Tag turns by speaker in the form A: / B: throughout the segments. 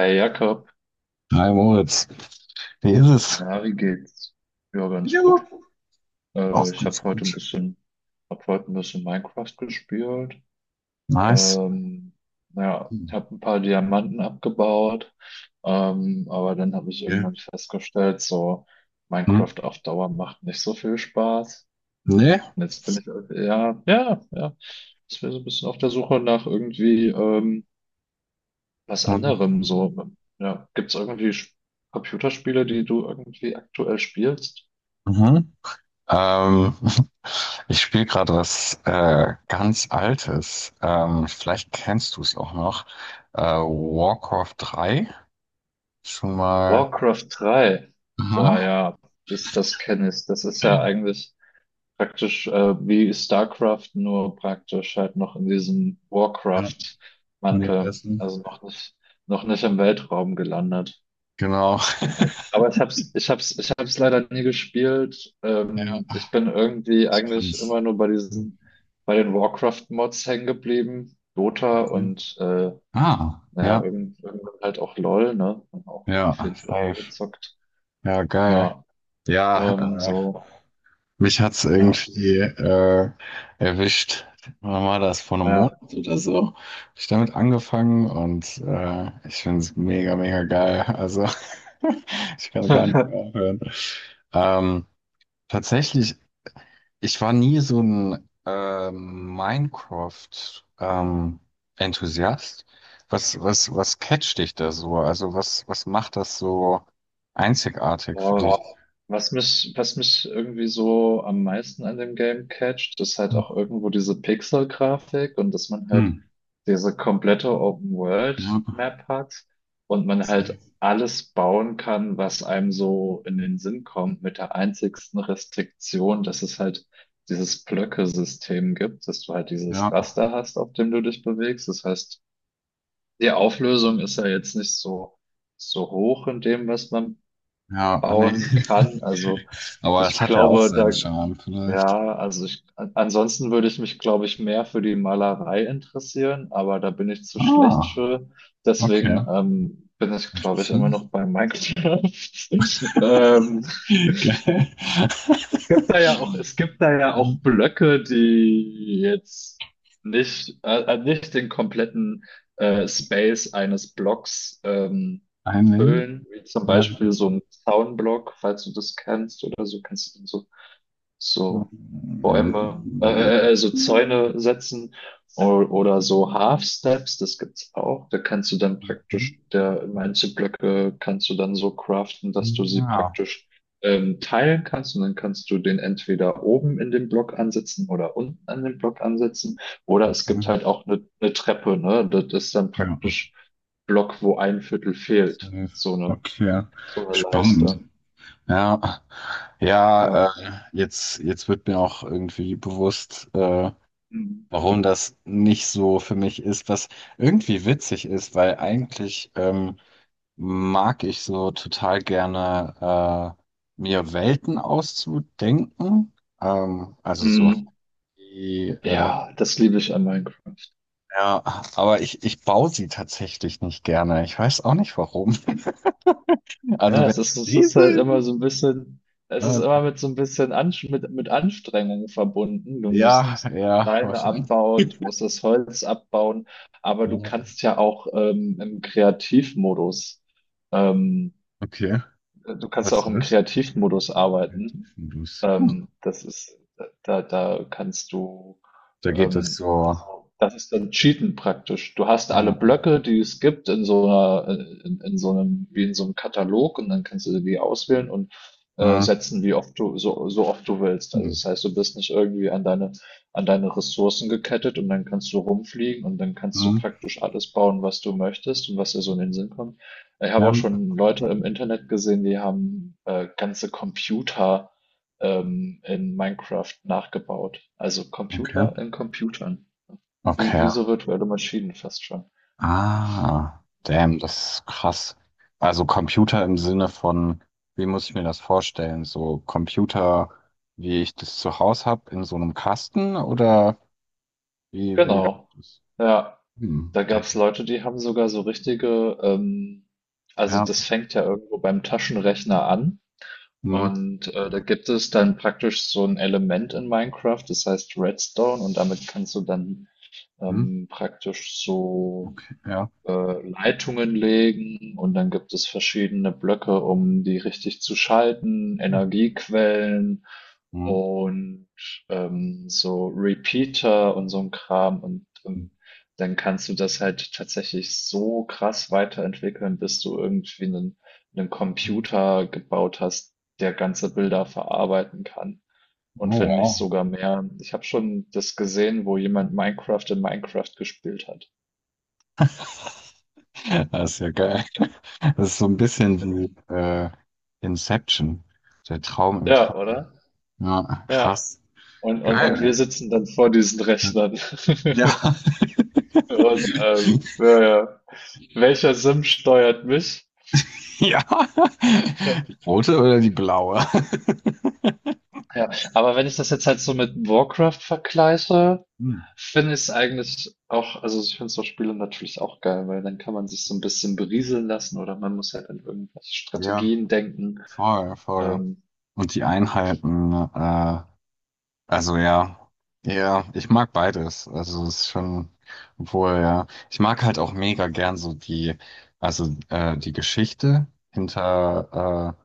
A: Hi Jakob,
B: Hi Moritz, wie ist es?
A: na, wie geht's? Ja, ganz
B: Ja,
A: gut.
B: auch
A: Ich
B: ganz
A: habe heute ein
B: gut.
A: bisschen, hab heute ein bisschen Minecraft gespielt.
B: Nice.
A: Ähm, naja,
B: Hm,
A: ich habe ein paar Diamanten abgebaut, aber dann habe ich
B: okay.
A: irgendwann festgestellt, so
B: Hm?
A: Minecraft auf Dauer macht nicht so viel Spaß. Hm.
B: Nee?
A: Und jetzt bin ich, ja, ja, ja. Jetzt bin ich so ein bisschen auf der Suche nach irgendwie was
B: Hm.
A: anderem so. Ja, gibt's irgendwie Computerspiele, die du irgendwie aktuell spielst?
B: Mhm. Ähm, ich spiele gerade was ganz Altes. Vielleicht kennst du es auch noch. Warcraft 3. Schon mal.
A: Warcraft drei, boah,
B: Aha.
A: ja, das kenne ich. Das ist ja eigentlich praktisch wie StarCraft, nur praktisch halt noch in diesem
B: Ja,
A: Warcraft-Mantel.
B: Universum.
A: Also noch nicht im Weltraum gelandet.
B: Genau.
A: Aber ich hab's leider nie gespielt.
B: Ja,
A: Ich bin irgendwie
B: ich
A: eigentlich
B: kann's.
A: immer nur bei bei den Warcraft-Mods hängen geblieben. Dota
B: Okay.
A: und
B: Ah,
A: naja,
B: ja.
A: irgendwann halt auch LOL, ne? Und auch auf
B: Ja,
A: jeden Fall auch mal
B: safe.
A: gezockt.
B: Ja, geil.
A: Ja,
B: Ja,
A: ähm, so,
B: mich hat's
A: ja,
B: irgendwie erwischt. Wann war das? Vor einem Monat
A: ja.
B: oder so? Hab ich damit angefangen und ich find's mega, mega geil. Also ich kann gar nicht mehr aufhören. Ähm, Tatsächlich, ich war nie so ein Minecraft Enthusiast. Was catcht dich da so? Also was macht das so einzigartig für dich?
A: Boah, was mich irgendwie so am meisten an dem Game catcht, ist halt auch irgendwo diese Pixel-Grafik, und dass man
B: Hm.
A: halt diese komplette
B: Ja,
A: Open-World-Map hat und man halt
B: safe.
A: alles bauen kann, was einem so in den Sinn kommt, mit der einzigsten Restriktion, dass es halt dieses Blöcke-System gibt, dass du halt dieses
B: Ja.
A: Raster hast, auf dem du dich bewegst. Das heißt, die Auflösung ist ja jetzt nicht so hoch in dem, was man
B: Ja, nee.
A: bauen kann. Also
B: Aber
A: ich
B: das hat ja auch
A: glaube,
B: seinen Charme vielleicht.
A: ja, ansonsten würde ich mich, glaube ich, mehr für die Malerei interessieren, aber da bin ich zu schlecht
B: Ah,
A: für.
B: okay.
A: Deswegen bin ich, glaube ich, immer
B: Interessant.
A: noch bei Minecraft. Ähm,
B: Geil.
A: gibt da ja auch, es gibt da ja auch Blöcke, die jetzt nicht den kompletten Space eines Blocks
B: Einnehmen?
A: füllen, wie zum
B: Ja.
A: Beispiel so ein Zaunblock, falls du das kennst oder so, kennst du den so, so Bäume, so Zäune setzen oder so Half Steps, das gibt's auch. Da kannst du dann praktisch, der Einzelblöcke kannst du dann so craften, dass du sie
B: Ja,
A: praktisch teilen kannst, und dann kannst du den entweder oben in den Block ansetzen oder unten an den Block ansetzen. Oder es gibt
B: okay.
A: halt auch eine Treppe, ne? Das ist dann
B: Ja,
A: praktisch Block, wo ein Viertel fehlt.
B: safe.
A: So
B: Okay.
A: so eine
B: Spannend.
A: Leiste.
B: Ja, ja,
A: Ja.
B: jetzt wird mir auch irgendwie bewusst,
A: Mhm.
B: warum das nicht so für mich ist, was irgendwie witzig ist, weil eigentlich mag ich so total gerne mir Welten auszudenken. Also so
A: Mhm.
B: die,
A: Ja, das liebe ich an Minecraft.
B: ja, aber ich baue sie tatsächlich nicht gerne. Ich weiß auch nicht warum. Also
A: Ja,
B: wenn ich
A: es ist halt
B: lese?
A: immer so ein bisschen, es ist
B: Äh,
A: immer mit so ein bisschen mit Anstrengung verbunden. Du
B: ja,
A: musst
B: ja,
A: Steine
B: wahrscheinlich.
A: abbauen, du musst das Holz abbauen, aber du
B: Ja.
A: kannst ja auch ähm,
B: Okay,
A: du kannst auch
B: was ist
A: im
B: das?
A: Kreativmodus arbeiten.
B: Tiefendusch. Hm.
A: Ähm, das ist, Da kannst du,
B: Da geht es
A: ähm,
B: so.
A: also das ist dann Cheaten praktisch. Du hast alle
B: Ja.
A: Blöcke, die es gibt, in so in so einem, wie in so einem Katalog, und dann kannst du die auswählen und
B: Hm.
A: setzen, wie oft so oft du willst. Also
B: Hm.
A: das heißt, du bist nicht irgendwie an an deine Ressourcen gekettet, und dann kannst du rumfliegen und dann kannst du
B: Hm.
A: praktisch alles bauen, was du möchtest und was dir so in den Sinn kommt. Ich habe auch
B: Ja,
A: schon Leute im Internet gesehen, die haben ganze Computer in Minecraft nachgebaut. Also
B: okay.
A: Computer in Computern.
B: Okay.
A: Wie so virtuelle Maschinen fast schon.
B: Ah, damn, das ist krass. Also Computer im Sinne von, wie muss ich mir das vorstellen? So Computer, wie ich das zu Hause habe, in so einem Kasten oder wie
A: Genau.
B: läuft das?
A: Ja,
B: Hm,
A: da gab es
B: damn.
A: Leute, die haben sogar so richtige, also
B: Ja,
A: das fängt ja irgendwo beim Taschenrechner an.
B: hm,
A: Und da gibt es dann praktisch so ein Element in Minecraft, das heißt Redstone, und damit kannst du dann
B: hm,
A: praktisch so
B: okay, ja.
A: Leitungen legen, und dann gibt es verschiedene Blöcke, um die richtig zu schalten,
B: Hm,
A: Energiequellen
B: hm,
A: und so Repeater und so ein Kram, und
B: hm.
A: dann kannst du das halt tatsächlich so krass weiterentwickeln, bis du irgendwie einen
B: Hm.
A: Computer gebaut hast, der ganze Bilder verarbeiten kann.
B: Oh,
A: Und wenn nicht
B: wow.
A: sogar mehr. Ich habe schon das gesehen, wo jemand Minecraft in Minecraft gespielt hat.
B: Das ist ja geil. Das ist so ein bisschen wie Inception, der Traum im
A: Ja,
B: Traum.
A: oder?
B: Ja,
A: Ja.
B: krass.
A: Und wir
B: Geil.
A: sitzen dann vor diesen Rechnern.
B: Ja.
A: Und ja, ja. Welcher Sim steuert mich?
B: Ja. Die
A: Ja.
B: rote oder die blaue?
A: Ja, aber wenn ich das jetzt halt so mit Warcraft vergleiche,
B: Hm.
A: finde ich es eigentlich auch, also ich finde so Spiele natürlich auch geil, weil dann kann man sich so ein bisschen berieseln lassen oder man muss halt an irgendwelche
B: Ja,
A: Strategien denken.
B: voll, voll.
A: Ähm,
B: Und die Einheiten, also ja, ja, ich mag beides. Also es ist schon, obwohl, ja, ich mag halt auch mega gern so die, also die Geschichte hinter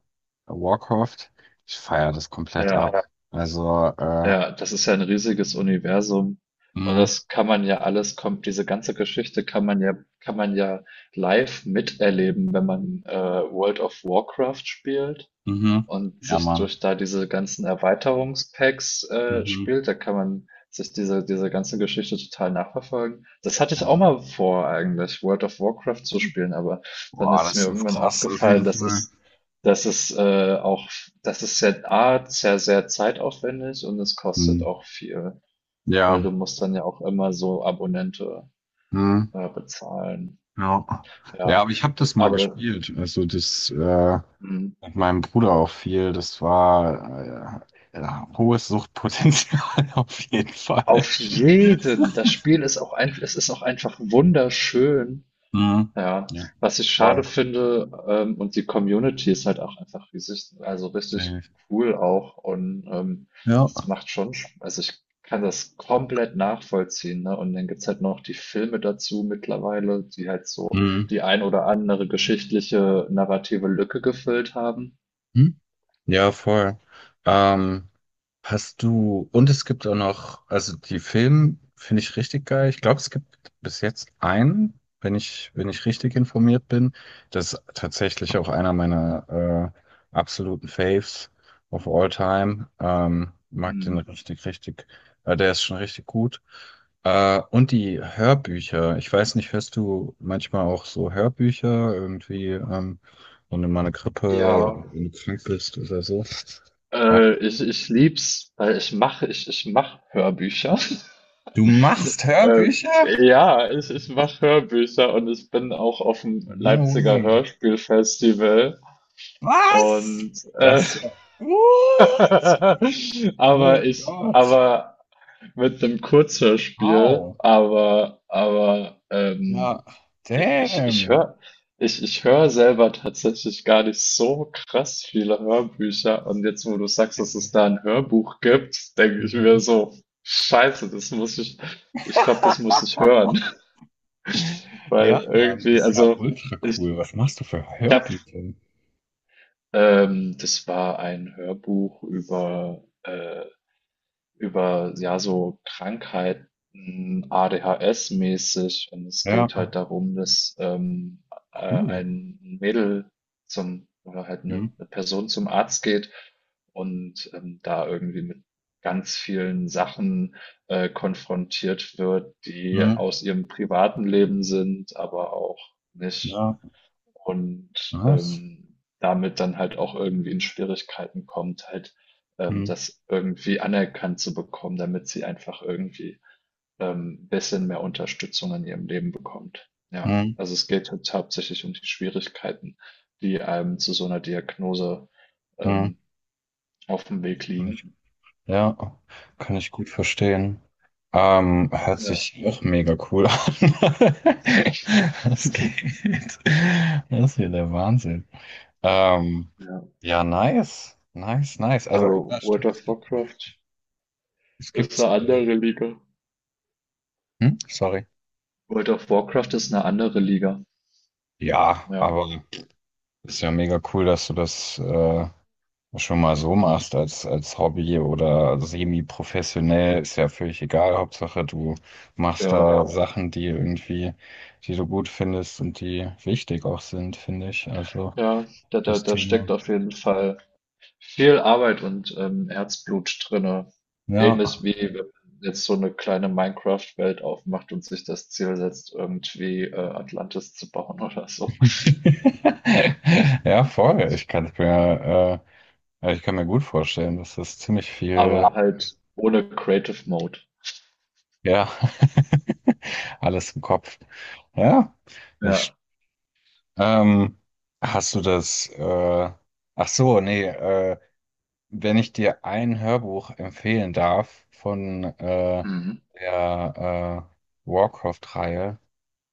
B: Warcraft. Ich feiere das komplett
A: ja,
B: ab. Also,
A: ja, das ist ja ein riesiges Universum, und
B: mhm,
A: das kann man ja alles kommt diese ganze Geschichte, kann man ja live miterleben, wenn man World of Warcraft spielt
B: mhm,
A: und
B: ja,
A: sich
B: Mann.
A: durch da diese ganzen Erweiterungspacks
B: Mhm,
A: spielt, da kann man sich diese ganze Geschichte total nachverfolgen. Das hatte ich
B: ja.
A: auch mal vor, eigentlich, World of Warcraft zu spielen, aber dann
B: Boah,
A: ist mir
B: das ist
A: irgendwann
B: krass, auf jeden
A: aufgefallen,
B: Fall.
A: das ist äh, auch, das ist sehr, A, sehr zeitaufwendig, und es
B: Hm.
A: kostet auch viel, weil
B: Ja,
A: du musst dann ja auch immer so Abonnente
B: hm.
A: bezahlen.
B: Ja. Ja,
A: Ja,
B: aber ich habe das mal
A: aber,
B: gespielt. Also das
A: das-
B: mit meinem Bruder auch viel. Das war ja, hohes Suchtpotenzial auf jeden Fall.
A: Auf jeden. Das Spiel ist auch einf es ist auch einfach wunderschön.
B: Hm.
A: Ja,
B: Ja,
A: was ich
B: voll.
A: schade finde, und die Community ist halt auch einfach riesig, also richtig
B: Safe.
A: cool auch, und
B: Ja.
A: es macht schon, ich kann das komplett nachvollziehen, ne? Und dann gibt's halt noch die Filme dazu mittlerweile, die halt so
B: Hm.
A: die ein oder andere geschichtliche narrative Lücke gefüllt haben.
B: Hm. Ja, voll. Ähm, und es gibt auch noch, also die Filme finde ich richtig geil. Ich glaube, es gibt bis jetzt einen, wenn ich richtig informiert bin. Das ist tatsächlich auch einer meiner absoluten Faves of all time. Mag den
A: Mhm.
B: richtig, richtig. Der ist schon richtig gut. Und die Hörbücher. Ich weiß nicht, hörst du manchmal auch so Hörbücher irgendwie, wenn du mal eine
A: Ja,
B: Grippe, wenn du krank bist oder so?
A: Ich lieb's, weil ich mache Hörbücher.
B: Du machst
A: Äh,
B: Hörbücher?
A: ja, ich mache Hörbücher, und ich bin auch auf dem
B: No
A: Leipziger
B: way.
A: Hörspielfestival,
B: Was?
A: und äh,
B: Das ist ja. What? Oh
A: aber
B: mein
A: ich
B: Gott.
A: aber mit einem Kurzhörspiel,
B: Wow. Ja.
A: ich, ich, ich
B: Damn.
A: höre ich hör selber tatsächlich gar nicht so krass viele Hörbücher. Und jetzt, wo du sagst, dass es da ein Hörbuch gibt, denke ich mir
B: Mhm.
A: so, Scheiße, ich glaube, das muss ich
B: Ha,
A: hören. Weil
B: ja, Mann,
A: irgendwie,
B: ist ja ultra
A: ich,
B: cool. Was machst du für
A: ich habe,
B: Hörbücher?
A: das war ein Hörbuch über ja so Krankheiten ADHS-mäßig, und es
B: Ja,
A: geht halt darum, dass
B: cool.
A: ein Mädel zum oder halt
B: Hm,
A: eine Person zum Arzt geht, und da irgendwie mit ganz vielen Sachen konfrontiert wird, die
B: hm,
A: aus ihrem privaten Leben sind, aber auch nicht,
B: ja,
A: und,
B: was?
A: damit dann halt auch irgendwie in Schwierigkeiten kommt, halt,
B: Hm,
A: das irgendwie anerkannt zu bekommen, damit sie einfach irgendwie, ein bisschen mehr Unterstützung in ihrem Leben bekommt. Ja,
B: hm,
A: also es geht halt hauptsächlich um die Schwierigkeiten, die einem zu so einer Diagnose,
B: hm.
A: ähm, auf dem Weg liegen.
B: Ja, kann
A: Ja,
B: ich gut verstehen. Hört
A: ja.
B: sich auch mega cool an. Das geht. Das ist ja der Wahnsinn. Ähm,
A: Ja,
B: ja, nice. Nice, nice. Also, ja,
A: aber World
B: stimmt,
A: of
B: es gibt noch.
A: Warcraft
B: Es
A: ist
B: gibt,
A: eine andere Liga.
B: hm? Sorry.
A: World of Warcraft ist eine andere Liga.
B: Ja,
A: Ja,
B: aber ist ja mega cool, dass du das schon mal so machst als, Hobby oder semi-professionell, ist ja völlig egal. Hauptsache, du machst
A: ja.
B: da Sachen, die irgendwie, die du gut findest und die wichtig auch sind, finde ich. Also
A: Ja,
B: das
A: da steckt
B: Thema.
A: auf jeden Fall viel Arbeit und Herzblut drinne.
B: Ja.
A: Ähnlich wie wenn man jetzt so eine kleine Minecraft-Welt aufmacht und sich das Ziel setzt, irgendwie Atlantis zu bauen oder so.
B: Ja, voll. Ich kann mir gut vorstellen, dass das ziemlich viel,
A: Aber halt ohne Creative Mode.
B: ja, alles im Kopf. Ja, nicht.
A: Ja.
B: Ähm, hast du das, äh, Ach so, nee, wenn ich dir ein Hörbuch empfehlen darf von
A: Mhm.
B: der Warcraft-Reihe,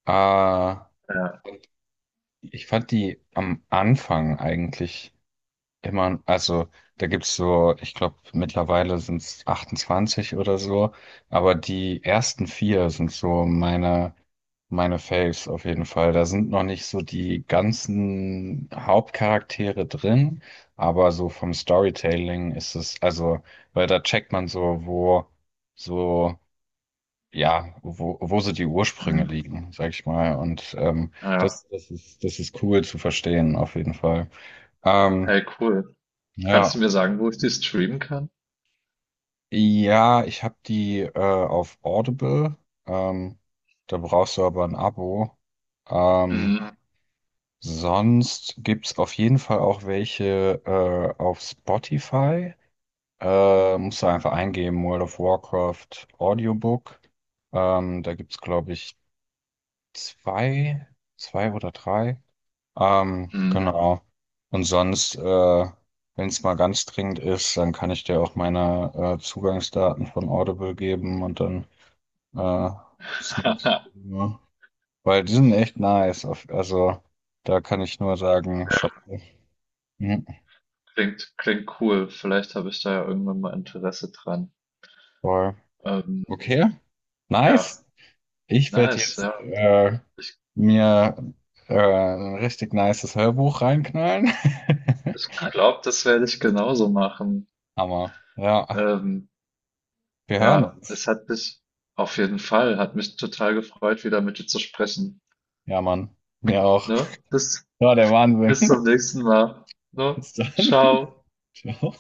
B: äh,
A: Ja.
B: ich fand die am Anfang eigentlich. Immer, also da gibt's so, ich glaube, mittlerweile sind's 28 oder so, aber die ersten vier sind so meine Faves auf jeden Fall. Da sind noch nicht so die ganzen Hauptcharaktere drin, aber so vom Storytelling ist es, also, weil da checkt man so, wo, so, ja, wo, wo so die Ursprünge
A: Mhm.
B: liegen, sag ich mal. Und
A: Ja.
B: das ist cool zu verstehen, auf jeden Fall. Ähm,
A: Hey, cool. Kannst du
B: ja.
A: mir sagen, wo ich die streamen kann?
B: Ja, ich habe die auf Audible. Ähm, Da brauchst du aber ein Abo. Ah.
A: Mhm.
B: Sonst gibt's auf jeden Fall auch welche auf Spotify. Musst du einfach eingeben, World of Warcraft Audiobook. Da gibt's glaube ich, zwei, zwei oder drei.
A: Mhm.
B: Genau. Und sonst, wenn es mal ganz dringend ist, dann kann ich dir auch meine Zugangsdaten von Audible geben und dann äh, Snacks. Ja. Weil die sind echt nice. Also da kann ich nur sagen, shop. Mhm,
A: Klingt cool. Vielleicht habe ich da ja irgendwann mal Interesse dran.
B: voll.
A: Ähm,
B: Okay,
A: ja,
B: nice. Ich werde
A: nice,
B: jetzt
A: ja. Ich,
B: mir ein richtig nices Hörbuch reinknallen.
A: ich glaube, das werde ich genauso machen.
B: Hammer. Ja,
A: Ähm,
B: wir hören
A: ja,
B: uns.
A: es hat mich auf jeden Fall, hat mich total gefreut, wieder mit dir zu sprechen.
B: Ja, Mann. Mir auch.
A: Ne?
B: Ja, der
A: Bis
B: Wahnsinn.
A: zum nächsten Mal. Ne?
B: Bis dann.
A: Ciao.
B: Ciao.